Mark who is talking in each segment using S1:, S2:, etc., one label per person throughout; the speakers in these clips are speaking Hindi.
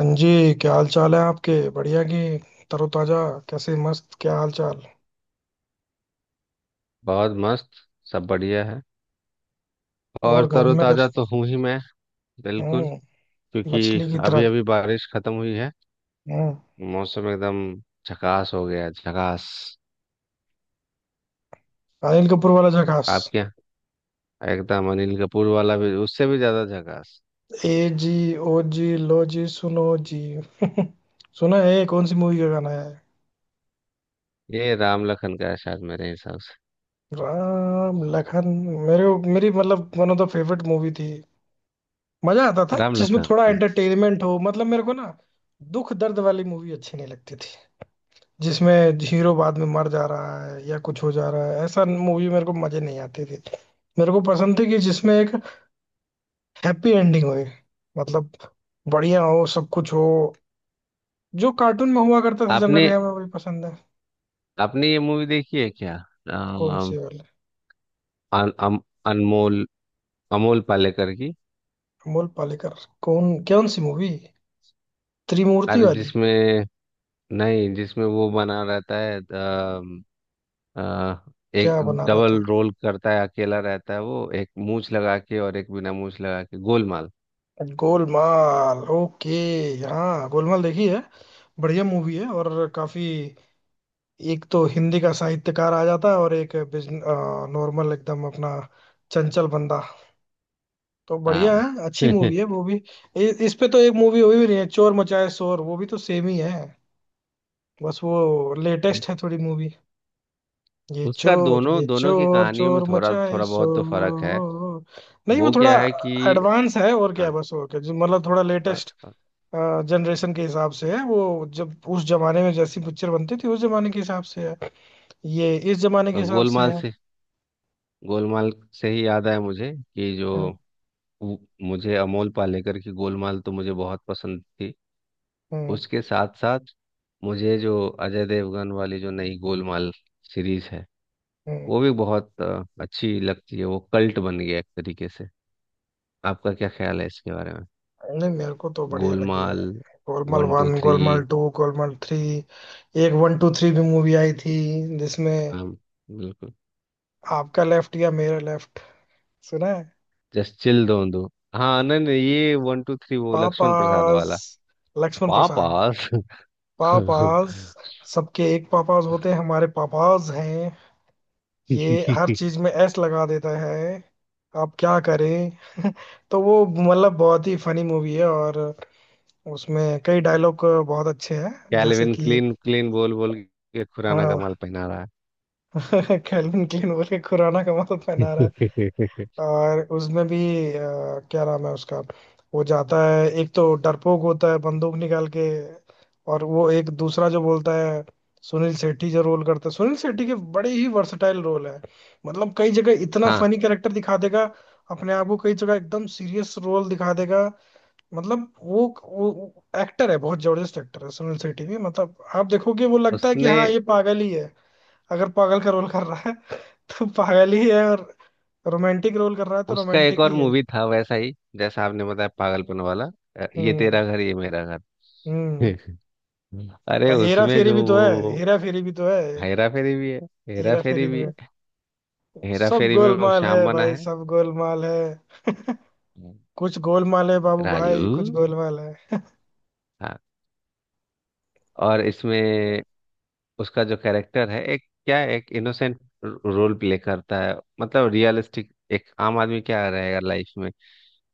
S1: हाँ जी। क्या हाल चाल है आपके? बढ़िया की। तरोताजा। कैसे, मस्त? क्या हाल चाल?
S2: बहुत मस्त। सब बढ़िया है।
S1: और
S2: और
S1: घर में कर?
S2: तरोताजा तो हूँ ही मैं। बिल्कुल।
S1: हम्म।
S2: क्योंकि
S1: मछली की
S2: अभी
S1: तरह।
S2: अभी बारिश खत्म हुई है।
S1: हम्म।
S2: मौसम एकदम झकास हो गया है, झकास।
S1: अनिल कपूर वाला जकास।
S2: आप क्या, एकदम अनिल कपूर वाला भी, उससे भी ज्यादा झकास।
S1: ए जी, ओ जी, लो जी, सुनो जी। सुना है, कौन सी मूवी का गाना है?
S2: ये राम लखन का है शायद मेरे हिसाब से।
S1: राम लखन। मेरी मतलब one of the favourite movie थी। मजा आता था
S2: राम
S1: जिसमें थोड़ा
S2: लखन।
S1: एंटरटेनमेंट हो, मतलब मेरे को ना दुख दर्द वाली मूवी अच्छी नहीं लगती, जिसमें हीरो बाद में मर जा रहा है या कुछ हो जा रहा है, ऐसा मूवी मेरे को मजे नहीं आते थे। मेरे को पसंद थी कि जिसमें एक हैप्पी एंडिंग होए, मतलब बढ़िया हो, सब कुछ हो। जो कार्टून में हुआ करता था,
S2: आपने
S1: जनरली हमें वही पसंद है।
S2: आपने ये मूवी देखी है क्या?
S1: कौन सी
S2: अम,
S1: वाली?
S2: अन, अम, अनमोल अमोल पालेकर की।
S1: अमोल पालेकर। कौन कौन सी मूवी? त्रिमूर्ति
S2: अरे
S1: वाली?
S2: जिसमें, नहीं जिसमें वो बना रहता है, आ, एक
S1: क्या बना रहे थे?
S2: डबल रोल करता है, अकेला रहता है वो, एक मूछ लगा के और एक बिना मूछ लगा के। गोलमाल।
S1: गोलमाल, ओके। हाँ, गोलमाल देखी है। बढ़िया मूवी है, और काफी। एक तो हिंदी का साहित्यकार आ जाता है और एक बिजन, नॉर्मल एकदम अपना, चंचल बंदा। तो बढ़िया
S2: हाँ।
S1: है, अच्छी मूवी है वो भी। इ, इस पे तो एक मूवी हुई भी नहीं है, चोर मचाए शोर, वो भी तो सेम ही है। बस वो लेटेस्ट है थोड़ी मूवी। ये
S2: उसका
S1: चोर,
S2: दोनों दोनों की कहानियों में
S1: चोर
S2: थोड़ा
S1: मचाए
S2: थोड़ा बहुत तो
S1: शोर।
S2: फर्क है।
S1: नहीं वो
S2: वो
S1: थोड़ा
S2: क्या है कि,
S1: एडवांस है और क्या है,
S2: हाँ,
S1: बस और क्या, जो मतलब थोड़ा लेटेस्ट
S2: बस बस।
S1: जनरेशन के हिसाब से है। वो जब उस जमाने में जैसी पिक्चर बनती थी, उस जमाने के हिसाब से है, ये इस जमाने के
S2: और
S1: हिसाब से है।
S2: गोलमाल से ही याद आया मुझे कि जो वो- मुझे अमोल पालेकर की गोलमाल तो मुझे बहुत पसंद थी।
S1: हम्म।
S2: उसके साथ साथ मुझे जो अजय देवगन वाली जो नई गोलमाल सीरीज है,
S1: हम्म।
S2: वो भी बहुत अच्छी लगती है। वो कल्ट बन गया एक तरीके से। आपका क्या ख्याल है इसके बारे में?
S1: नहीं मेरे को तो बढ़िया लगी है।
S2: Golmaal
S1: Golmaal
S2: one two
S1: one,
S2: three.
S1: Golmaal two, Golmaal three. एक वन टू थ्री भी मूवी आई थी, जिसमें
S2: हाँ बिल्कुल।
S1: आपका लेफ्ट या मेरा लेफ्ट, सुना है?
S2: जस्ट चिल दो दो। हाँ, नहीं नहीं, ये वन टू थ्री वो लक्ष्मण प्रसाद
S1: पापाज।
S2: वाला।
S1: लक्ष्मण प्रसाद।
S2: पापास।
S1: पापाज। सबके एक पापाज होते हैं, हमारे पापाज हैं। ये हर चीज में एस लगा देता है, आप क्या करें। तो वो मतलब बहुत ही फनी मूवी है, और उसमें कई डायलॉग बहुत अच्छे हैं, जैसे
S2: कैल्विन
S1: कि
S2: क्लीन क्लीन बोल बोल के खुराना का
S1: हाँ।
S2: माल पहना रहा
S1: कैल्विन क्लीन बोल के खुराना का मतलब
S2: है।
S1: पहना रहा है। और उसमें भी क्या नाम है उसका, वो जाता है, एक तो डरपोक होता है बंदूक निकाल के, और वो एक दूसरा जो बोलता है। सुनील शेट्टी जो रोल करता है, सुनील शेट्टी के बड़े ही वर्सटाइल रोल है, मतलब कई जगह इतना
S2: हाँ।
S1: फनी कैरेक्टर दिखा देगा अपने आप को, कई जगह एकदम सीरियस रोल दिखा देगा। मतलब वो एक्टर है, बहुत जबरदस्त एक्टर है सुनील शेट्टी भी, मतलब आप देखोगे वो लगता है कि
S2: उसने,
S1: हाँ ये पागल ही है। अगर पागल का रोल कर रहा है तो पागल ही है, और रोमांटिक रोल कर रहा है तो
S2: उसका एक
S1: रोमांटिक ही
S2: और
S1: है।
S2: मूवी था वैसा ही जैसा आपने बताया, पागलपन वाला। ये
S1: हम्म।
S2: तेरा घर ये मेरा घर।
S1: हम्म।
S2: अरे
S1: और हेरा
S2: उसमें
S1: फेरी
S2: जो
S1: भी तो है,
S2: वो,
S1: हेरा फेरी भी तो है।
S2: हेरा फेरी भी है। हेरा
S1: हेरा
S2: फेरी
S1: फेरी
S2: भी
S1: में
S2: है। हेरा
S1: सब
S2: फेरी में वो
S1: गोलमाल
S2: श्याम
S1: है
S2: बना
S1: भाई,
S2: है।
S1: सब गोलमाल है,
S2: हम्म।
S1: कुछ गोलमाल है बाबू
S2: राजू।
S1: भाई, कुछ गोलमाल है।
S2: हाँ। और इसमें उसका जो कैरेक्टर है, एक क्या है, एक इनोसेंट रोल प्ले करता है। मतलब रियलिस्टिक, एक आम आदमी क्या रहेगा लाइफ में,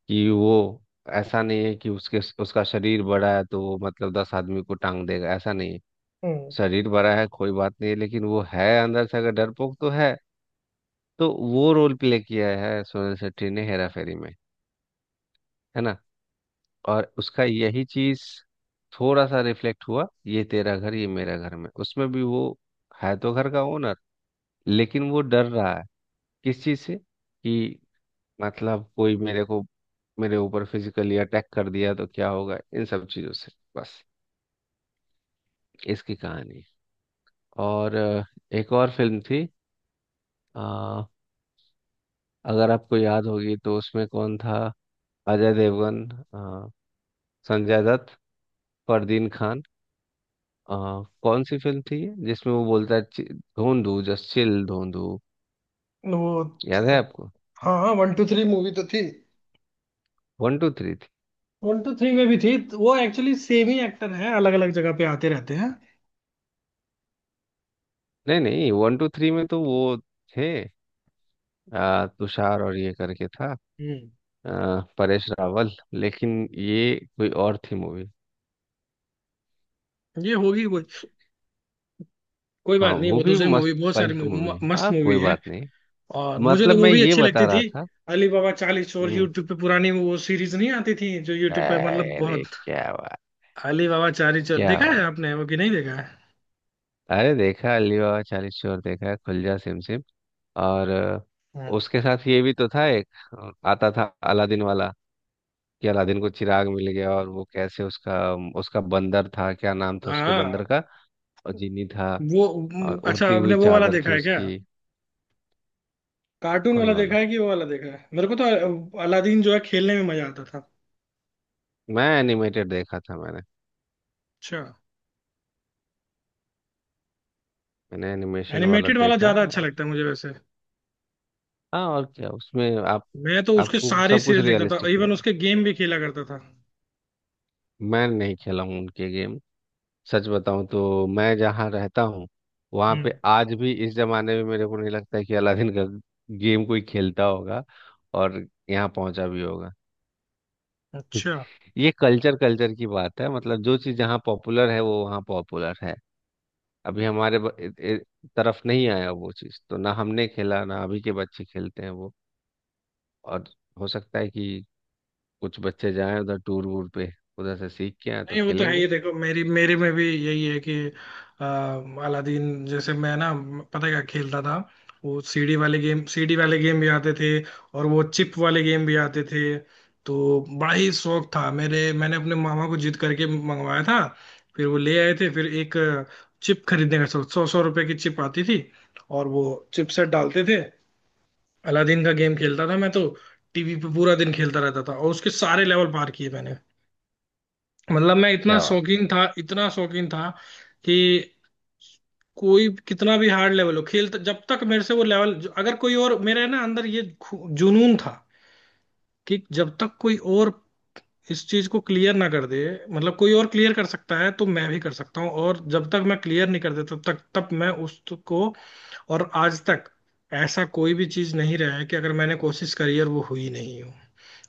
S2: कि वो, ऐसा नहीं है कि उसके उसका शरीर बड़ा है तो वो मतलब 10 आदमी को टांग देगा, ऐसा नहीं है।
S1: हम्म।
S2: शरीर बड़ा है कोई बात नहीं है, लेकिन वो है अंदर से अगर डरपोक तो है। तो वो रोल प्ले किया है सोनल शेट्टी ने हेरा फेरी में, है ना। और उसका यही चीज थोड़ा सा रिफ्लेक्ट हुआ ये तेरा घर ये मेरा घर में। उसमें भी वो है तो घर का ओनर, लेकिन वो डर रहा है, किस चीज से कि मतलब कोई मेरे को, मेरे ऊपर फिजिकली अटैक कर दिया तो क्या होगा, इन सब चीजों से। बस, इसकी कहानी है। और एक और फिल्म थी, अ, अगर आपको याद होगी तो उसमें कौन था, अजय देवगन, अ, संजय दत्त, फरदीन खान, अ, कौन सी फिल्म थी ये जिसमें वो बोलता है धोंधू जस्ट चिल धोंधू"।
S1: वो
S2: याद
S1: तो,
S2: है आपको?
S1: हाँ हाँ, वन टू थ्री मूवी तो थी।
S2: वन टू थ्री थी।
S1: वन टू थ्री में भी थी, तो वो एक्चुअली सेम ही एक्टर है, अलग अलग जगह पे आते रहते हैं।
S2: नहीं नहीं, वन टू थ्री में तो वो थे तुषार और ये करके था,
S1: हम्म।
S2: अ, परेश रावल। लेकिन ये कोई और थी मूवी।
S1: ये होगी कोई, कोई
S2: हाँ
S1: बात नहीं,
S2: वो
S1: वो
S2: भी
S1: दूसरी
S2: मस्त
S1: मूवी, बहुत सारी
S2: पल्ट मूवी,
S1: मूवी, मस्त
S2: हाँ कोई
S1: मूवी है।
S2: बात नहीं।
S1: और मुझे तो
S2: मतलब
S1: वो
S2: मैं
S1: भी
S2: ये
S1: अच्छी
S2: बता
S1: लगती थी।
S2: रहा था।
S1: अली बाबा चालीस चोर,
S2: हम्म।
S1: यूट्यूब पे पुरानी वो सीरीज नहीं आती थी जो यूट्यूब पे, मतलब
S2: अरे
S1: बहुत।
S2: क्या बात,
S1: अली बाबा चालीस चोर
S2: क्या
S1: देखा है
S2: बात।
S1: आपने वो, कि नहीं देखा है?
S2: अरे देखा, अली बाबा चालीस चोर देखा, खुल जा सिम सिम। और
S1: हम्म।
S2: उसके साथ ये भी तो था, एक आता था अलादीन वाला, कि अलादीन को चिराग मिल गया और वो कैसे उसका, उसका बंदर था, क्या नाम था उसके बंदर
S1: हाँ
S2: का? और जीनी था,
S1: वो,
S2: और
S1: अच्छा
S2: उड़ती
S1: आपने
S2: हुई
S1: वो वाला
S2: चादर
S1: देखा
S2: थी
S1: है क्या,
S2: उसकी।
S1: कार्टून
S2: कौन
S1: वाला
S2: वाला?
S1: देखा है कि वो वाला देखा है? मेरे को तो अलादीन जो है, खेलने में मजा आता था।
S2: मैं एनिमेटेड देखा था मैंने।
S1: अच्छा।
S2: मैंने एनिमेशन वाला
S1: एनिमेटेड वाला
S2: देखा
S1: ज्यादा अच्छा
S2: और,
S1: लगता है मुझे वैसे।
S2: हाँ और क्या उसमें आप
S1: मैं तो उसके
S2: आपको
S1: सारे
S2: सब कुछ
S1: सीरियल देखता था,
S2: रियलिस्टिक
S1: इवन
S2: लगेगा।
S1: उसके गेम भी खेला करता था।
S2: मैं नहीं खेला हूँ उनके गेम। सच बताऊं तो मैं जहाँ रहता हूँ, वहां
S1: हम्म।
S2: पे आज भी इस जमाने में मेरे को नहीं लगता है कि अलादीन का गेम कोई खेलता होगा और यहाँ पहुंचा भी होगा।
S1: अच्छा।
S2: ये कल्चर कल्चर की बात है, मतलब जो चीज़ जहाँ पॉपुलर है वो वहाँ पॉपुलर है। अभी हमारे तरफ नहीं आया वो चीज़, तो ना हमने खेला ना अभी के बच्चे खेलते हैं वो। और हो सकता है कि कुछ बच्चे जाएं उधर टूर वूर पे, उधर से सीख के आए तो
S1: नहीं वो तो है
S2: खेलेंगे।
S1: ही, देखो मेरी मेरे में भी यही है कि आ, अलादीन जैसे मैं ना, पता है क्या खेलता था? वो सीडी वाले गेम, सीडी वाले गेम भी आते थे, और वो चिप वाले गेम भी आते थे। तो बड़ा ही शौक था मेरे, मैंने अपने मामा को जिद करके मंगवाया था, फिर वो ले आए थे। फिर एक चिप खरीदने का सोच, सौ सौ रुपए की चिप आती थी, और वो चिप सेट डालते थे। अलादीन का गेम खेलता था मैं तो, टीवी पे पूरा दिन खेलता रहता था, और उसके सारे लेवल पार किए मैंने। मतलब मैं इतना
S2: क्या बात,
S1: शौकीन था, इतना शौकीन था कि कोई कितना भी हार्ड लेवल हो, खेल, जब तक मेरे से वो लेवल, अगर कोई और, मेरे ना अंदर ये जुनून था कि जब तक कोई और इस चीज को क्लियर ना कर दे, मतलब कोई और क्लियर कर सकता है तो मैं भी कर सकता हूँ, और जब तक मैं क्लियर नहीं कर देता तब तक, तब मैं उसको। और आज तक ऐसा कोई भी चीज नहीं रहा है कि अगर मैंने कोशिश करी और वो हुई नहीं हो,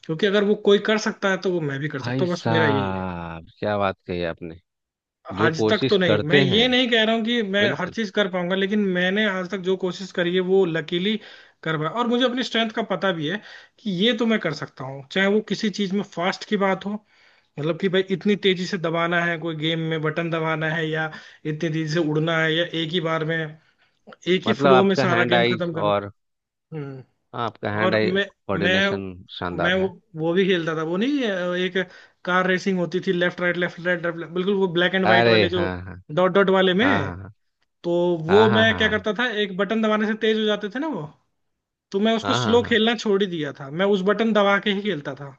S1: क्योंकि अगर वो कोई कर सकता है तो वो मैं भी कर सकता
S2: भाई
S1: हूँ, बस मेरा यही है।
S2: साहब क्या बात कही आपने। जो
S1: आज तक
S2: कोशिश
S1: तो नहीं, मैं
S2: करते हैं,
S1: ये नहीं कह रहा हूँ कि मैं हर
S2: बिल्कुल।
S1: चीज कर पाऊंगा, लेकिन मैंने आज तक जो कोशिश करी है वो लकीली कर पाया, और मुझे अपनी स्ट्रेंथ का पता भी है कि ये तो मैं कर सकता हूँ। चाहे वो किसी चीज में फास्ट की बात हो, मतलब कि भाई इतनी तेजी से दबाना है कोई गेम में बटन दबाना है, या इतनी तेजी से उड़ना है, या एक ही बार में एक ही
S2: मतलब
S1: फ्लो में
S2: आपका
S1: सारा
S2: हैंड
S1: गेम
S2: आई
S1: खत्म करना।
S2: और,
S1: हम्म।
S2: हाँ, आपका हैंड
S1: और
S2: आई
S1: मैं
S2: कोऑर्डिनेशन
S1: मैं
S2: शानदार है।
S1: वो भी खेलता था वो, नहीं एक कार रेसिंग होती थी, लेफ्ट राइट लेफ्ट राइट, बिल्कुल वो ब्लैक एंड व्हाइट
S2: अरे
S1: वाले जो
S2: हाँ
S1: डॉट डॉट वाले
S2: हाँ
S1: में।
S2: हाँ
S1: तो
S2: हाँ
S1: वो
S2: हाँ, हाँ
S1: मैं
S2: हाँ
S1: क्या
S2: हाँ
S1: करता था, एक बटन दबाने से तेज हो जाते थे ना वो, तो मैं उसको
S2: हाँ, हाँ हाँ
S1: स्लो
S2: हाँ
S1: खेलना छोड़ ही दिया था, मैं उस बटन दबा के ही खेलता था।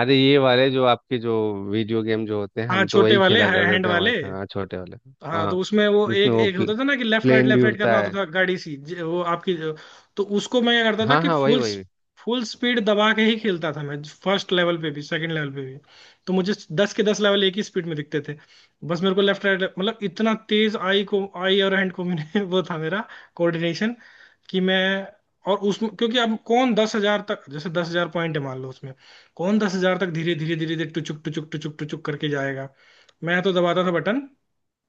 S2: अरे ये वाले जो आपके जो वीडियो गेम जो होते हैं,
S1: हाँ
S2: हम तो
S1: छोटे
S2: वही
S1: वाले,
S2: खेला करते
S1: हैंड
S2: थे
S1: वाले।
S2: हमारे यहाँ छोटे वाले।
S1: हाँ, तो
S2: हाँ,
S1: उसमें वो
S2: जिसमें
S1: एक
S2: वो
S1: एक होता था ना कि
S2: प्लेन
S1: लेफ्ट
S2: भी
S1: राइट करना
S2: उड़ता
S1: होता
S2: है।
S1: था, गाड़ी सी वो आपकी। तो उसको मैं क्या करता था
S2: हाँ
S1: कि
S2: हाँ वही
S1: फुल,
S2: वही।
S1: फुल स्पीड दबा के ही खेलता था मैं, फर्स्ट लेवल पे भी सेकंड लेवल पे भी, तो मुझे दस के दस लेवल एक ही स्पीड में दिखते थे। बस मेरे को लेफ्ट राइट मतलब इतना तेज, आई को आई और हैंड को, मैंने वो था मेरा कोऑर्डिनेशन कि मैं। और उसमें क्योंकि अब कौन 10,000 तक, जैसे 10,000 पॉइंट है मान लो, उसमें कौन 10,000 तक धीरे धीरे धीरे धीरे टुचुक टुचुक टुचुक टुचुक करके जाएगा? मैं तो दबाता था बटन,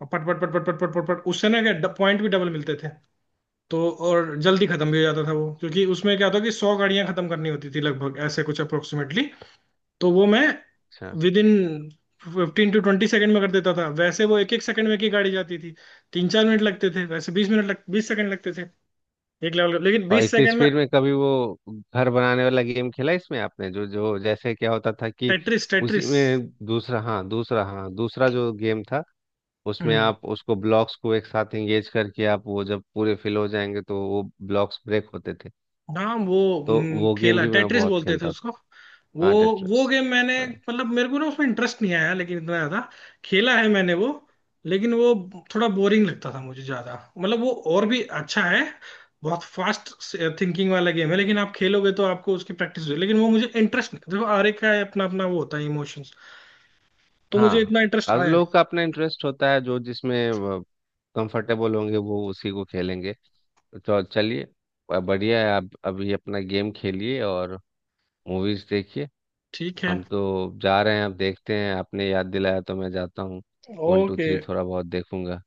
S1: और पट पट पट पट पट पट पट पट, उससे ना क्या पॉइंट भी डबल मिलते थे, तो और जल्दी खत्म भी हो जाता था वो, क्योंकि उसमें क्या होता कि 100 गाड़ियां खत्म करनी होती थी लगभग, ऐसे कुछ अप्रोक्सीमेटली, तो वो मैं
S2: अच्छा।
S1: विद इन 15 to 20 सेकंड में कर देता था, वैसे वो एक एक सेकंड में एक ही गाड़ी जाती थी, 3-4 मिनट लगते थे वैसे, बीस मिनट लग बीस सेकंड लगते थे एक लेवल, लेकिन
S2: और
S1: बीस
S2: इतनी
S1: सेकंड में।
S2: स्पीड में कभी वो घर बनाने वाला गेम खेला इसमें आपने, जो जो जैसे क्या होता था कि,
S1: टेट्रिस,
S2: उसी
S1: टेट्रिस।
S2: में दूसरा, हाँ दूसरा, हाँ दूसरा जो गेम था, उसमें आप उसको ब्लॉक्स को एक साथ एंगेज करके आप वो जब पूरे फिल हो जाएंगे तो वो ब्लॉक्स ब्रेक होते थे।
S1: हाँ वो,
S2: तो वो गेम
S1: खेला,
S2: भी मैं
S1: टेट्रिस
S2: बहुत
S1: बोलते थे
S2: खेलता
S1: उसको।
S2: था।
S1: वो
S2: हाँ
S1: वो
S2: टेट्रिस।
S1: गेम मैंने,
S2: हाँ
S1: मतलब मेरे को ना उसमें इंटरेस्ट नहीं आया, लेकिन इतना ज्यादा खेला है मैंने वो। लेकिन वो थोड़ा बोरिंग लगता था मुझे ज्यादा, मतलब वो और भी अच्छा है, बहुत फास्ट थिंकिंग वाला गेम है, लेकिन आप खेलोगे तो आपको उसकी प्रैक्टिस होगी। लेकिन वो मुझे इंटरेस्ट नहीं, देखो हर एक का अपना अपना वो होता है, इमोशंस, तो मुझे
S2: हाँ।
S1: इतना इंटरेस्ट
S2: हर
S1: आया नहीं।
S2: लोग का अपना इंटरेस्ट होता है, जो जिसमें कंफर्टेबल होंगे वो उसी को खेलेंगे। तो चलिए, बढ़िया है, आप अभी अपना गेम खेलिए और मूवीज देखिए।
S1: ठीक है,
S2: हम तो जा रहे हैं, अब देखते हैं, आपने याद दिलाया तो मैं जाता हूँ, वन टू
S1: ओके।
S2: थ्री थोड़ा बहुत देखूंगा।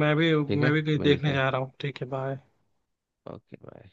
S1: मैं भी,
S2: ठीक
S1: मैं
S2: है,
S1: भी कहीं देखने
S2: मिलते हैं।
S1: जा रहा हूँ। ठीक है, बाय।
S2: Okay bye.